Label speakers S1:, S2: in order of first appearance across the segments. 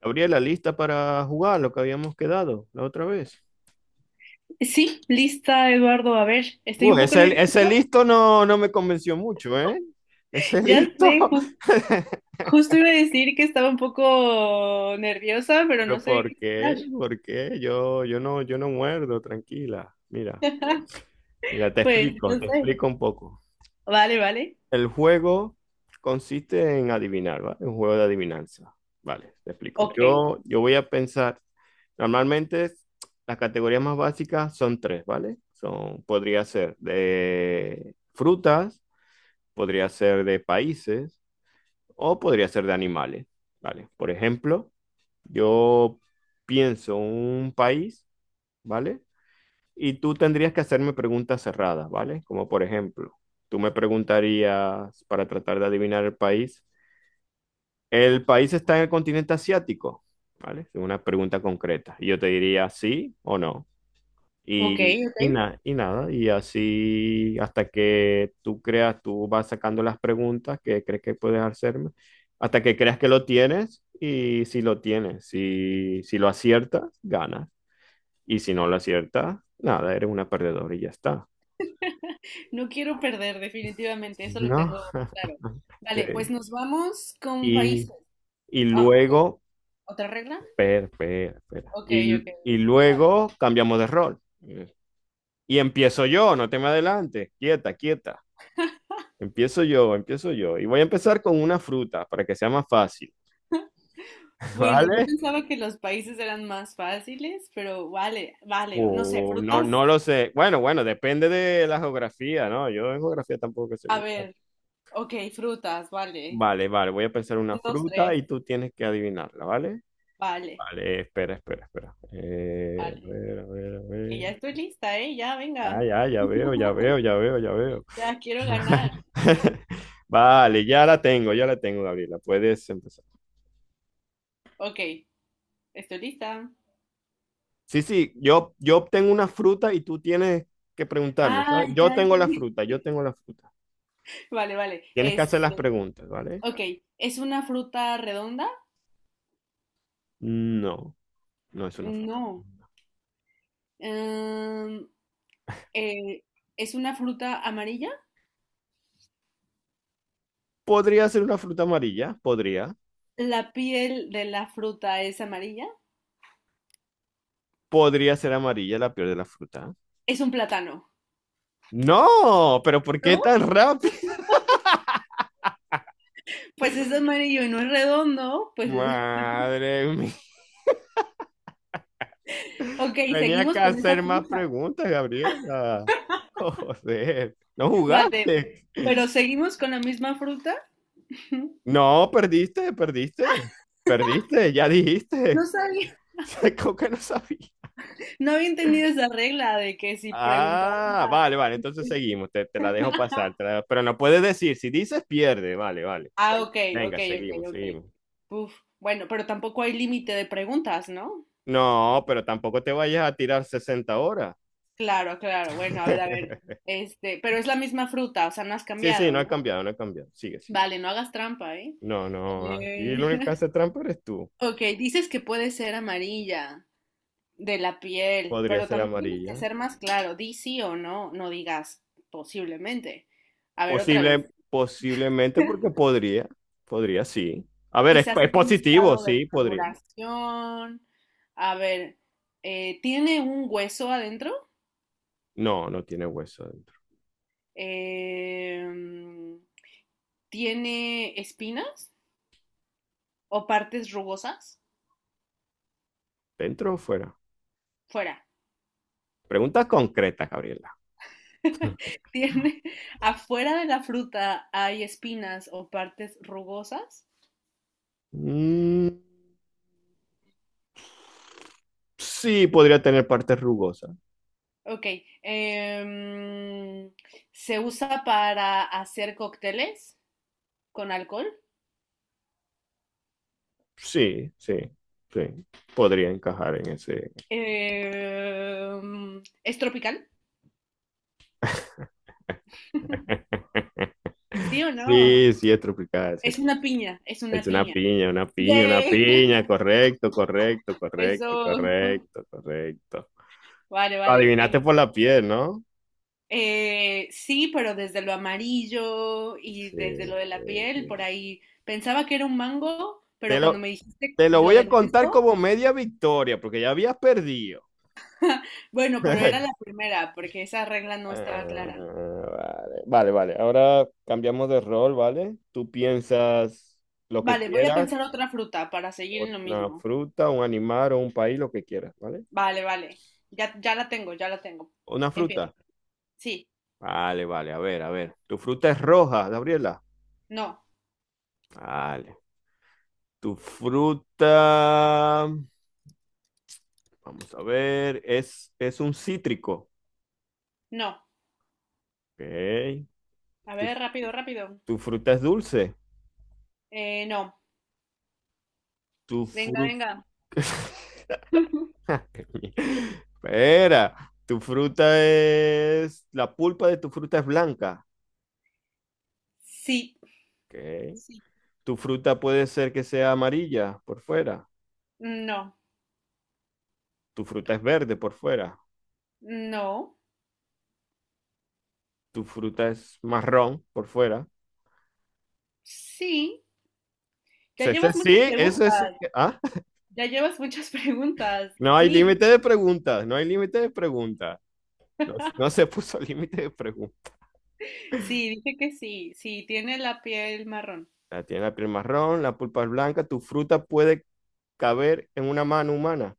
S1: Gabriela, ¿lista para jugar lo que habíamos quedado la otra vez?
S2: Sí, lista, Eduardo. A ver, estoy
S1: Uh,
S2: un poco
S1: ese, ese
S2: nerviosa.
S1: listo no me convenció mucho, ¿eh? Ese
S2: Ya
S1: listo.
S2: sé, justo iba a decir que estaba un poco nerviosa, pero no
S1: ¿Pero
S2: sé
S1: por
S2: qué
S1: qué?
S2: hablar.
S1: ¿Por qué? Yo no muerdo, tranquila. Mira, mira,
S2: Pues, no
S1: te
S2: sé.
S1: explico un poco.
S2: Vale, vale.
S1: El juego consiste en adivinar, ¿vale? Un juego de adivinanza. Vale, te explico.
S2: Ok,
S1: Yo voy a pensar, normalmente las categorías más básicas son tres, ¿vale? Son, podría ser de frutas, podría ser de países o podría ser de animales, ¿vale? Por ejemplo, yo pienso un país, ¿vale? Y tú tendrías que hacerme preguntas cerradas, ¿vale? Como por ejemplo, tú me preguntarías para tratar de adivinar ¿el país está en el continente asiático? ¿Vale? Es una pregunta concreta. Y yo te diría sí o no.
S2: ok,
S1: Y,
S2: ok.
S1: y, na- y nada, y así hasta que tú creas, tú vas sacando las preguntas que crees que puedes hacerme, hasta que creas que lo tienes y si lo tienes, si lo aciertas, ganas. Y si no lo aciertas, nada, eres una perdedora y ya está.
S2: No quiero perder, definitivamente, eso lo
S1: ¿No?
S2: tengo claro. Vale,
S1: Este,
S2: pues nos vamos con
S1: y,
S2: países.
S1: y
S2: Ah, ok.
S1: luego,
S2: ¿Otra regla?
S1: espera.
S2: Ok,
S1: Y,
S2: ok.
S1: y
S2: Vale.
S1: luego cambiamos de rol. Y empiezo yo, no te me adelantes, quieta, quieta. Empiezo yo, empiezo yo. Y voy a empezar con una fruta para que sea más fácil,
S2: Bueno, yo
S1: ¿vale?
S2: pensaba que los países eran más fáciles, pero vale, vale. No sé,
S1: O no,
S2: frutas.
S1: no lo sé. Bueno, bueno, depende de la geografía, ¿no? Yo en geografía tampoco sé
S2: A
S1: mucho.
S2: ver. Ok, frutas, vale.
S1: Vale, vale, voy a pensar una
S2: Un, dos,
S1: fruta
S2: tres,
S1: y tú tienes que adivinarla, ¿vale?
S2: vale,
S1: Vale, espera. A
S2: vale.
S1: ver, a ver, a
S2: Y
S1: ver.
S2: ya estoy lista, ¿eh? Ya,
S1: Ah,
S2: venga.
S1: ya, ya veo, ya veo, ya veo, ya veo.
S2: Ya quiero ganar.
S1: Vale, ya la tengo, Gabriela. Puedes empezar.
S2: Ok, estoy lista.
S1: Sí, sí, yo obtengo una fruta y tú tienes que preguntarme,
S2: Ah,
S1: ¿sabes? Yo
S2: ya
S1: tengo la
S2: entendí.
S1: fruta, yo tengo la fruta.
S2: Vale, vale.
S1: Tienes que hacer
S2: Este,
S1: las preguntas, ¿vale?
S2: ok, ¿es una fruta redonda?
S1: No, no es una fruta.
S2: No. Em, eh, ¿Es una fruta amarilla?
S1: ¿Podría ser una fruta amarilla? Podría.
S2: ¿La piel de la fruta es amarilla?
S1: ¿Podría ser amarilla la peor de la fruta?
S2: Es un plátano.
S1: No, pero ¿por qué
S2: ¿No?
S1: tan rápido?
S2: Pues es amarillo y no es redondo. Pues es.
S1: Madre mía.
S2: Ok,
S1: Tenía que
S2: seguimos con esa
S1: hacer más
S2: fruta.
S1: preguntas, Gabriela. Joder, no
S2: Vale,
S1: jugaste.
S2: pero seguimos con la misma fruta.
S1: No, perdiste, perdiste. Perdiste, ya dijiste.
S2: No sabía,
S1: Como que no sabía.
S2: no habían tenido esa regla de que si preguntaba.
S1: Ah, vale, vale, entonces seguimos, te la dejo pasar, te la- pero no puedes decir, si dices pierde, vale, vale.
S2: Ah,
S1: Ven-
S2: ok, ok,
S1: Venga,
S2: ok,
S1: seguimos,
S2: ok.
S1: seguimos.
S2: Uf, bueno, pero tampoco hay límite de preguntas, ¿no?
S1: No, pero tampoco te vayas a tirar 60 horas.
S2: Claro, claro. Bueno, a ver, a ver. Este, pero es la misma fruta, o sea, no has
S1: Sí, sí,
S2: cambiado,
S1: no ha
S2: ¿no?
S1: cambiado, no ha cambiado. Sigue, sigue.
S2: Vale, no hagas trampa, ¿eh?
S1: No, no, aquí
S2: Eh,
S1: el único que hace trampa eres tú.
S2: ok, dices que puede ser amarilla de la piel,
S1: Podría
S2: pero
S1: ser
S2: también tienes que
S1: amarilla.
S2: ser más claro. Di sí o no, no digas posiblemente. A ver, otra
S1: Posible,
S2: vez.
S1: posiblemente porque podría, sí. A ver,
S2: Quizás
S1: es
S2: en un
S1: positivo,
S2: estado de
S1: sí, podría.
S2: maduración. A ver, ¿tiene un hueso adentro?
S1: No, no tiene hueso dentro.
S2: Em, ¿Tiene espinas o partes rugosas?
S1: ¿Dentro o fuera?
S2: Fuera.
S1: Preguntas concretas, Gabriela.
S2: ¿Tiene Afuera de la fruta hay espinas o partes rugosas?
S1: Mm, sí, podría tener partes rugosas.
S2: Ok. em, ¿Se usa para hacer cócteles con alcohol?
S1: Sí, sí, sí. Podría encajar en ese.
S2: ¿Es tropical? ¿Sí o no?
S1: Sí, sí, es tropical, sí es
S2: Es una
S1: tropical.
S2: piña, es
S1: Es
S2: una
S1: una
S2: piña.
S1: piña, una piña, una
S2: Yay.
S1: piña. Correcto, correcto, correcto,
S2: Eso,
S1: correcto, correcto.
S2: vale,
S1: Lo
S2: vale.
S1: adivinaste por la piel, ¿no?
S2: Sí, pero desde lo amarillo y
S1: Sí,
S2: desde lo de la
S1: sí,
S2: piel, por
S1: sí.
S2: ahí pensaba que era un mango, pero
S1: Te
S2: cuando
S1: lo,
S2: me dijiste
S1: te lo
S2: lo
S1: voy a
S2: del
S1: contar
S2: hueso,
S1: como media victoria, porque ya habías perdido.
S2: bueno, pero era la primera, porque esa regla no
S1: Ah,
S2: estaba clara.
S1: vale, vale, vale. Ahora cambiamos de rol, ¿vale? Tú piensas lo que
S2: Vale, voy a
S1: quieras,
S2: pensar otra fruta para seguir en lo
S1: una
S2: mismo.
S1: fruta, un animal o un país, lo que quieras, ¿vale?
S2: Vale, vale. Ya, ya la tengo, ya la tengo.
S1: Una
S2: Empieza.
S1: fruta.
S2: Sí,
S1: Vale, vale, a ver, a ver. Tu fruta es roja, Gabriela.
S2: no,
S1: Vale. Tu fruta, vamos a ver, es un cítrico.
S2: no.
S1: Ok.
S2: A
S1: Tu,
S2: ver, rápido, rápido.
S1: tu fruta es dulce.
S2: No.
S1: Tu
S2: Venga,
S1: fruta...
S2: venga.
S1: Espera, la pulpa de tu fruta es blanca.
S2: Sí,
S1: Ok.
S2: sí,
S1: Tu fruta puede ser que sea amarilla por fuera.
S2: no,
S1: Tu fruta es verde por fuera.
S2: no,
S1: Tu fruta es marrón por fuera.
S2: sí. Ya
S1: Ese
S2: llevas
S1: sí,
S2: muchas
S1: ese sí.
S2: preguntas,
S1: que- ¿Ah?
S2: ya llevas muchas preguntas.
S1: No hay
S2: Sí,
S1: límite de preguntas, no hay límite de preguntas. No, no se puso límite de preguntas.
S2: sí, dije que sí, sí, tiene la piel marrón.
S1: La tiene la piel marrón, la pulpa es blanca. Tu fruta puede caber en una mano humana.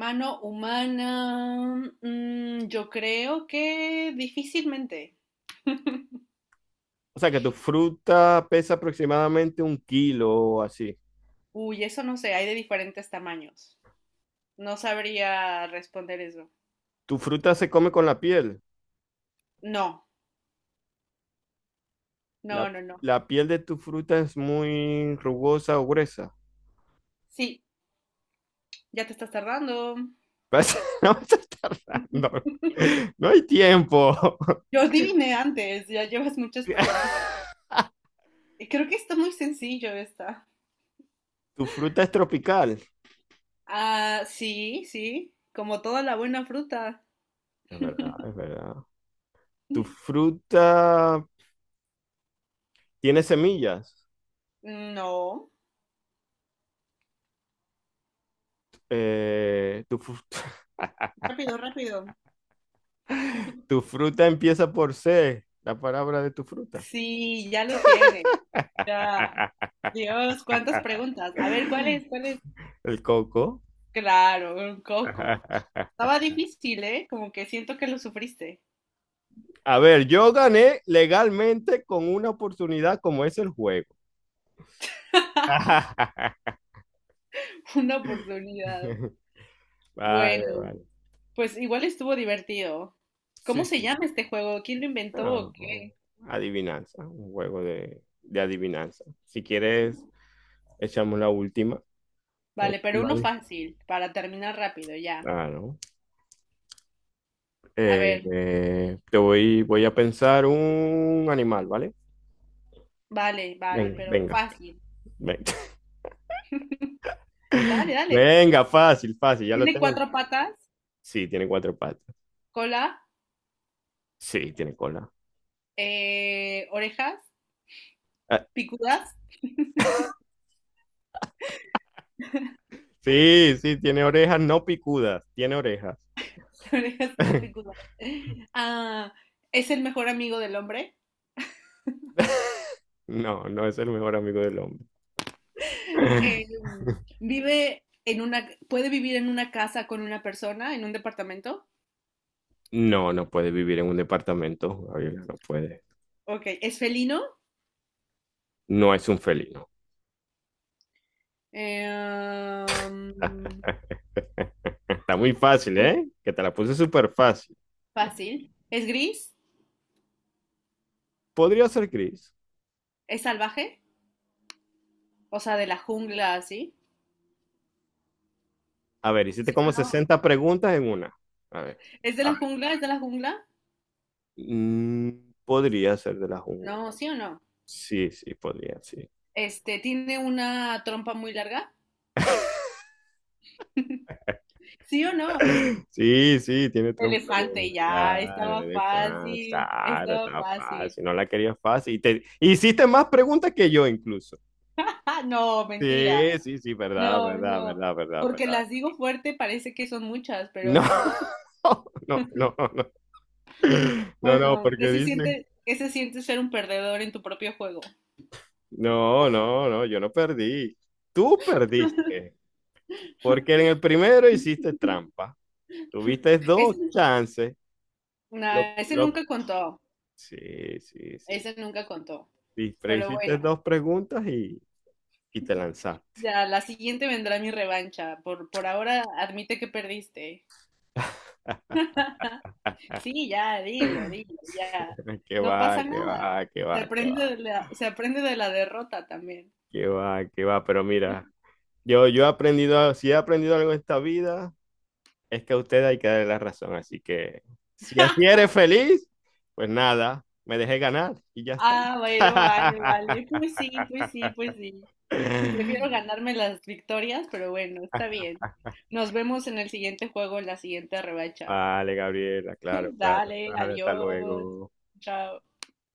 S2: Mano humana, yo creo que difícilmente.
S1: O sea, que tu fruta pesa aproximadamente un kilo o así.
S2: Uy, eso no sé, hay de diferentes tamaños. No sabría responder eso.
S1: Tu fruta se come con la piel.
S2: No,
S1: La,
S2: no, no, no.
S1: la piel de tu fruta es muy rugosa o gruesa.
S2: Sí, ya te estás tardando.
S1: Vas- No vas a estar tardando. No hay tiempo.
S2: Yo adiviné antes, ya llevas muchas preguntas. Creo que está muy sencillo esta.
S1: Tu fruta es tropical.
S2: Ah, sí, sí, como toda la buena fruta.
S1: Es verdad, es verdad. Tu fruta tiene semillas.
S2: No.
S1: Tu fru-
S2: Rápido, rápido.
S1: tu fruta empieza por C, la palabra de tu fruta.
S2: Sí, ya lo tiene. Ya. Dios, cuántas preguntas. A ver, ¿cuál es? ¿Cuál es?
S1: El coco.
S2: Claro, un coco. Estaba difícil, ¿eh? Como que siento que lo sufriste.
S1: A ver, yo gané legalmente con una oportunidad como es el juego.
S2: Una oportunidad.
S1: Vale,
S2: Bueno,
S1: vale.
S2: pues igual estuvo divertido.
S1: Sí,
S2: ¿Cómo se
S1: sí.
S2: llama este juego? ¿Quién lo inventó
S1: Ah,
S2: o
S1: oh,
S2: qué?
S1: adivinanza, un juego de adivinanza. Si quieres, echamos la última. La
S2: Vale, pero
S1: última
S2: uno
S1: de-
S2: fácil, para terminar rápido, ya.
S1: Claro.
S2: A
S1: Eh,
S2: ver.
S1: voy a pensar un animal, ¿vale?
S2: Vale, vale,
S1: Venga,
S2: pero
S1: venga,
S2: fácil.
S1: venga.
S2: Dale, dale.
S1: Venga, fácil, fácil, ya lo
S2: Tiene
S1: tengo.
S2: cuatro patas,
S1: Sí, tiene cuatro patas.
S2: cola,
S1: Sí, tiene cola.
S2: orejas,
S1: Ah,
S2: picudas,
S1: sí, sí, tiene orejas no picudas, tiene orejas.
S2: orejas no picudas. Ah, es el mejor amigo del hombre.
S1: No, no es el mejor amigo del hombre.
S2: Eh, Puede vivir en una casa con una persona, en un departamento.
S1: No, no puede vivir en un departamento, Gabriela, no puede.
S2: Ok, es felino.
S1: No es un felino.
S2: Eh, um,
S1: Está muy fácil,
S2: Uy,
S1: ¿eh? Que te la puse súper fácil.
S2: fácil. Es gris,
S1: Podría ser gris.
S2: es salvaje, o sea, de la jungla, ¿sí?
S1: A ver, hiciste
S2: ¿Sí o
S1: como
S2: no?
S1: sesenta preguntas en una. A ver,
S2: ¿Es de
S1: a
S2: la
S1: ver.
S2: jungla? ¿Es de la jungla?
S1: Podría ser de la jungla.
S2: No, ¿sí o no?
S1: Sí, sí, podría, sí.
S2: Tiene una trompa muy larga. ¿Sí o no?
S1: Sí, sí, tiene trompa. Tiene-
S2: Elefante, ya,
S1: Claro,
S2: estaba
S1: eres fan,
S2: fácil,
S1: claro,
S2: estaba
S1: está
S2: fácil.
S1: fácil, no la querías fácil. Y te hiciste más preguntas que yo incluso.
S2: Ah, no, mentira.
S1: Sí, sí, sí, verdad,
S2: No,
S1: verdad,
S2: no.
S1: verdad, verdad,
S2: Porque
S1: verdad.
S2: las digo fuerte, parece que son muchas, pero
S1: No,
S2: no.
S1: no, no, no. No, no,
S2: Bueno,
S1: porque dice,
S2: qué se siente ser un perdedor en tu propio juego?
S1: no, no, no, yo no perdí. Tú perdiste, porque en el primero hiciste trampa. Tuviste dos
S2: Ese,
S1: chances.
S2: nah, ese
S1: Lo-
S2: nunca contó,
S1: Sí, sí, sí.
S2: ese nunca contó.
S1: Y pero
S2: Pero bueno,
S1: hiciste dos preguntas y te lanzaste.
S2: ya, la siguiente vendrá mi revancha. Por ahora, admite que perdiste. Sí, ya, dilo, dilo, ya.
S1: ¡Qué
S2: No
S1: va,
S2: pasa
S1: qué
S2: nada.
S1: va, qué va, qué va,
S2: Se aprende de la derrota también.
S1: qué va, qué va! Pero mira, yo he aprendido, si he aprendido algo en esta vida, es que a usted hay que darle la razón. Así que si así eres feliz, pues nada, me dejé ganar y ya está.
S2: Ah, bueno, vale, vale. Pues sí, pues sí, pues sí. Prefiero ganarme las victorias, pero bueno, está bien. Nos vemos en el siguiente juego, en la siguiente revancha.
S1: Vale, Gabriela, claro, claro.
S2: Dale,
S1: Vale, hasta
S2: adiós.
S1: luego.
S2: Chao.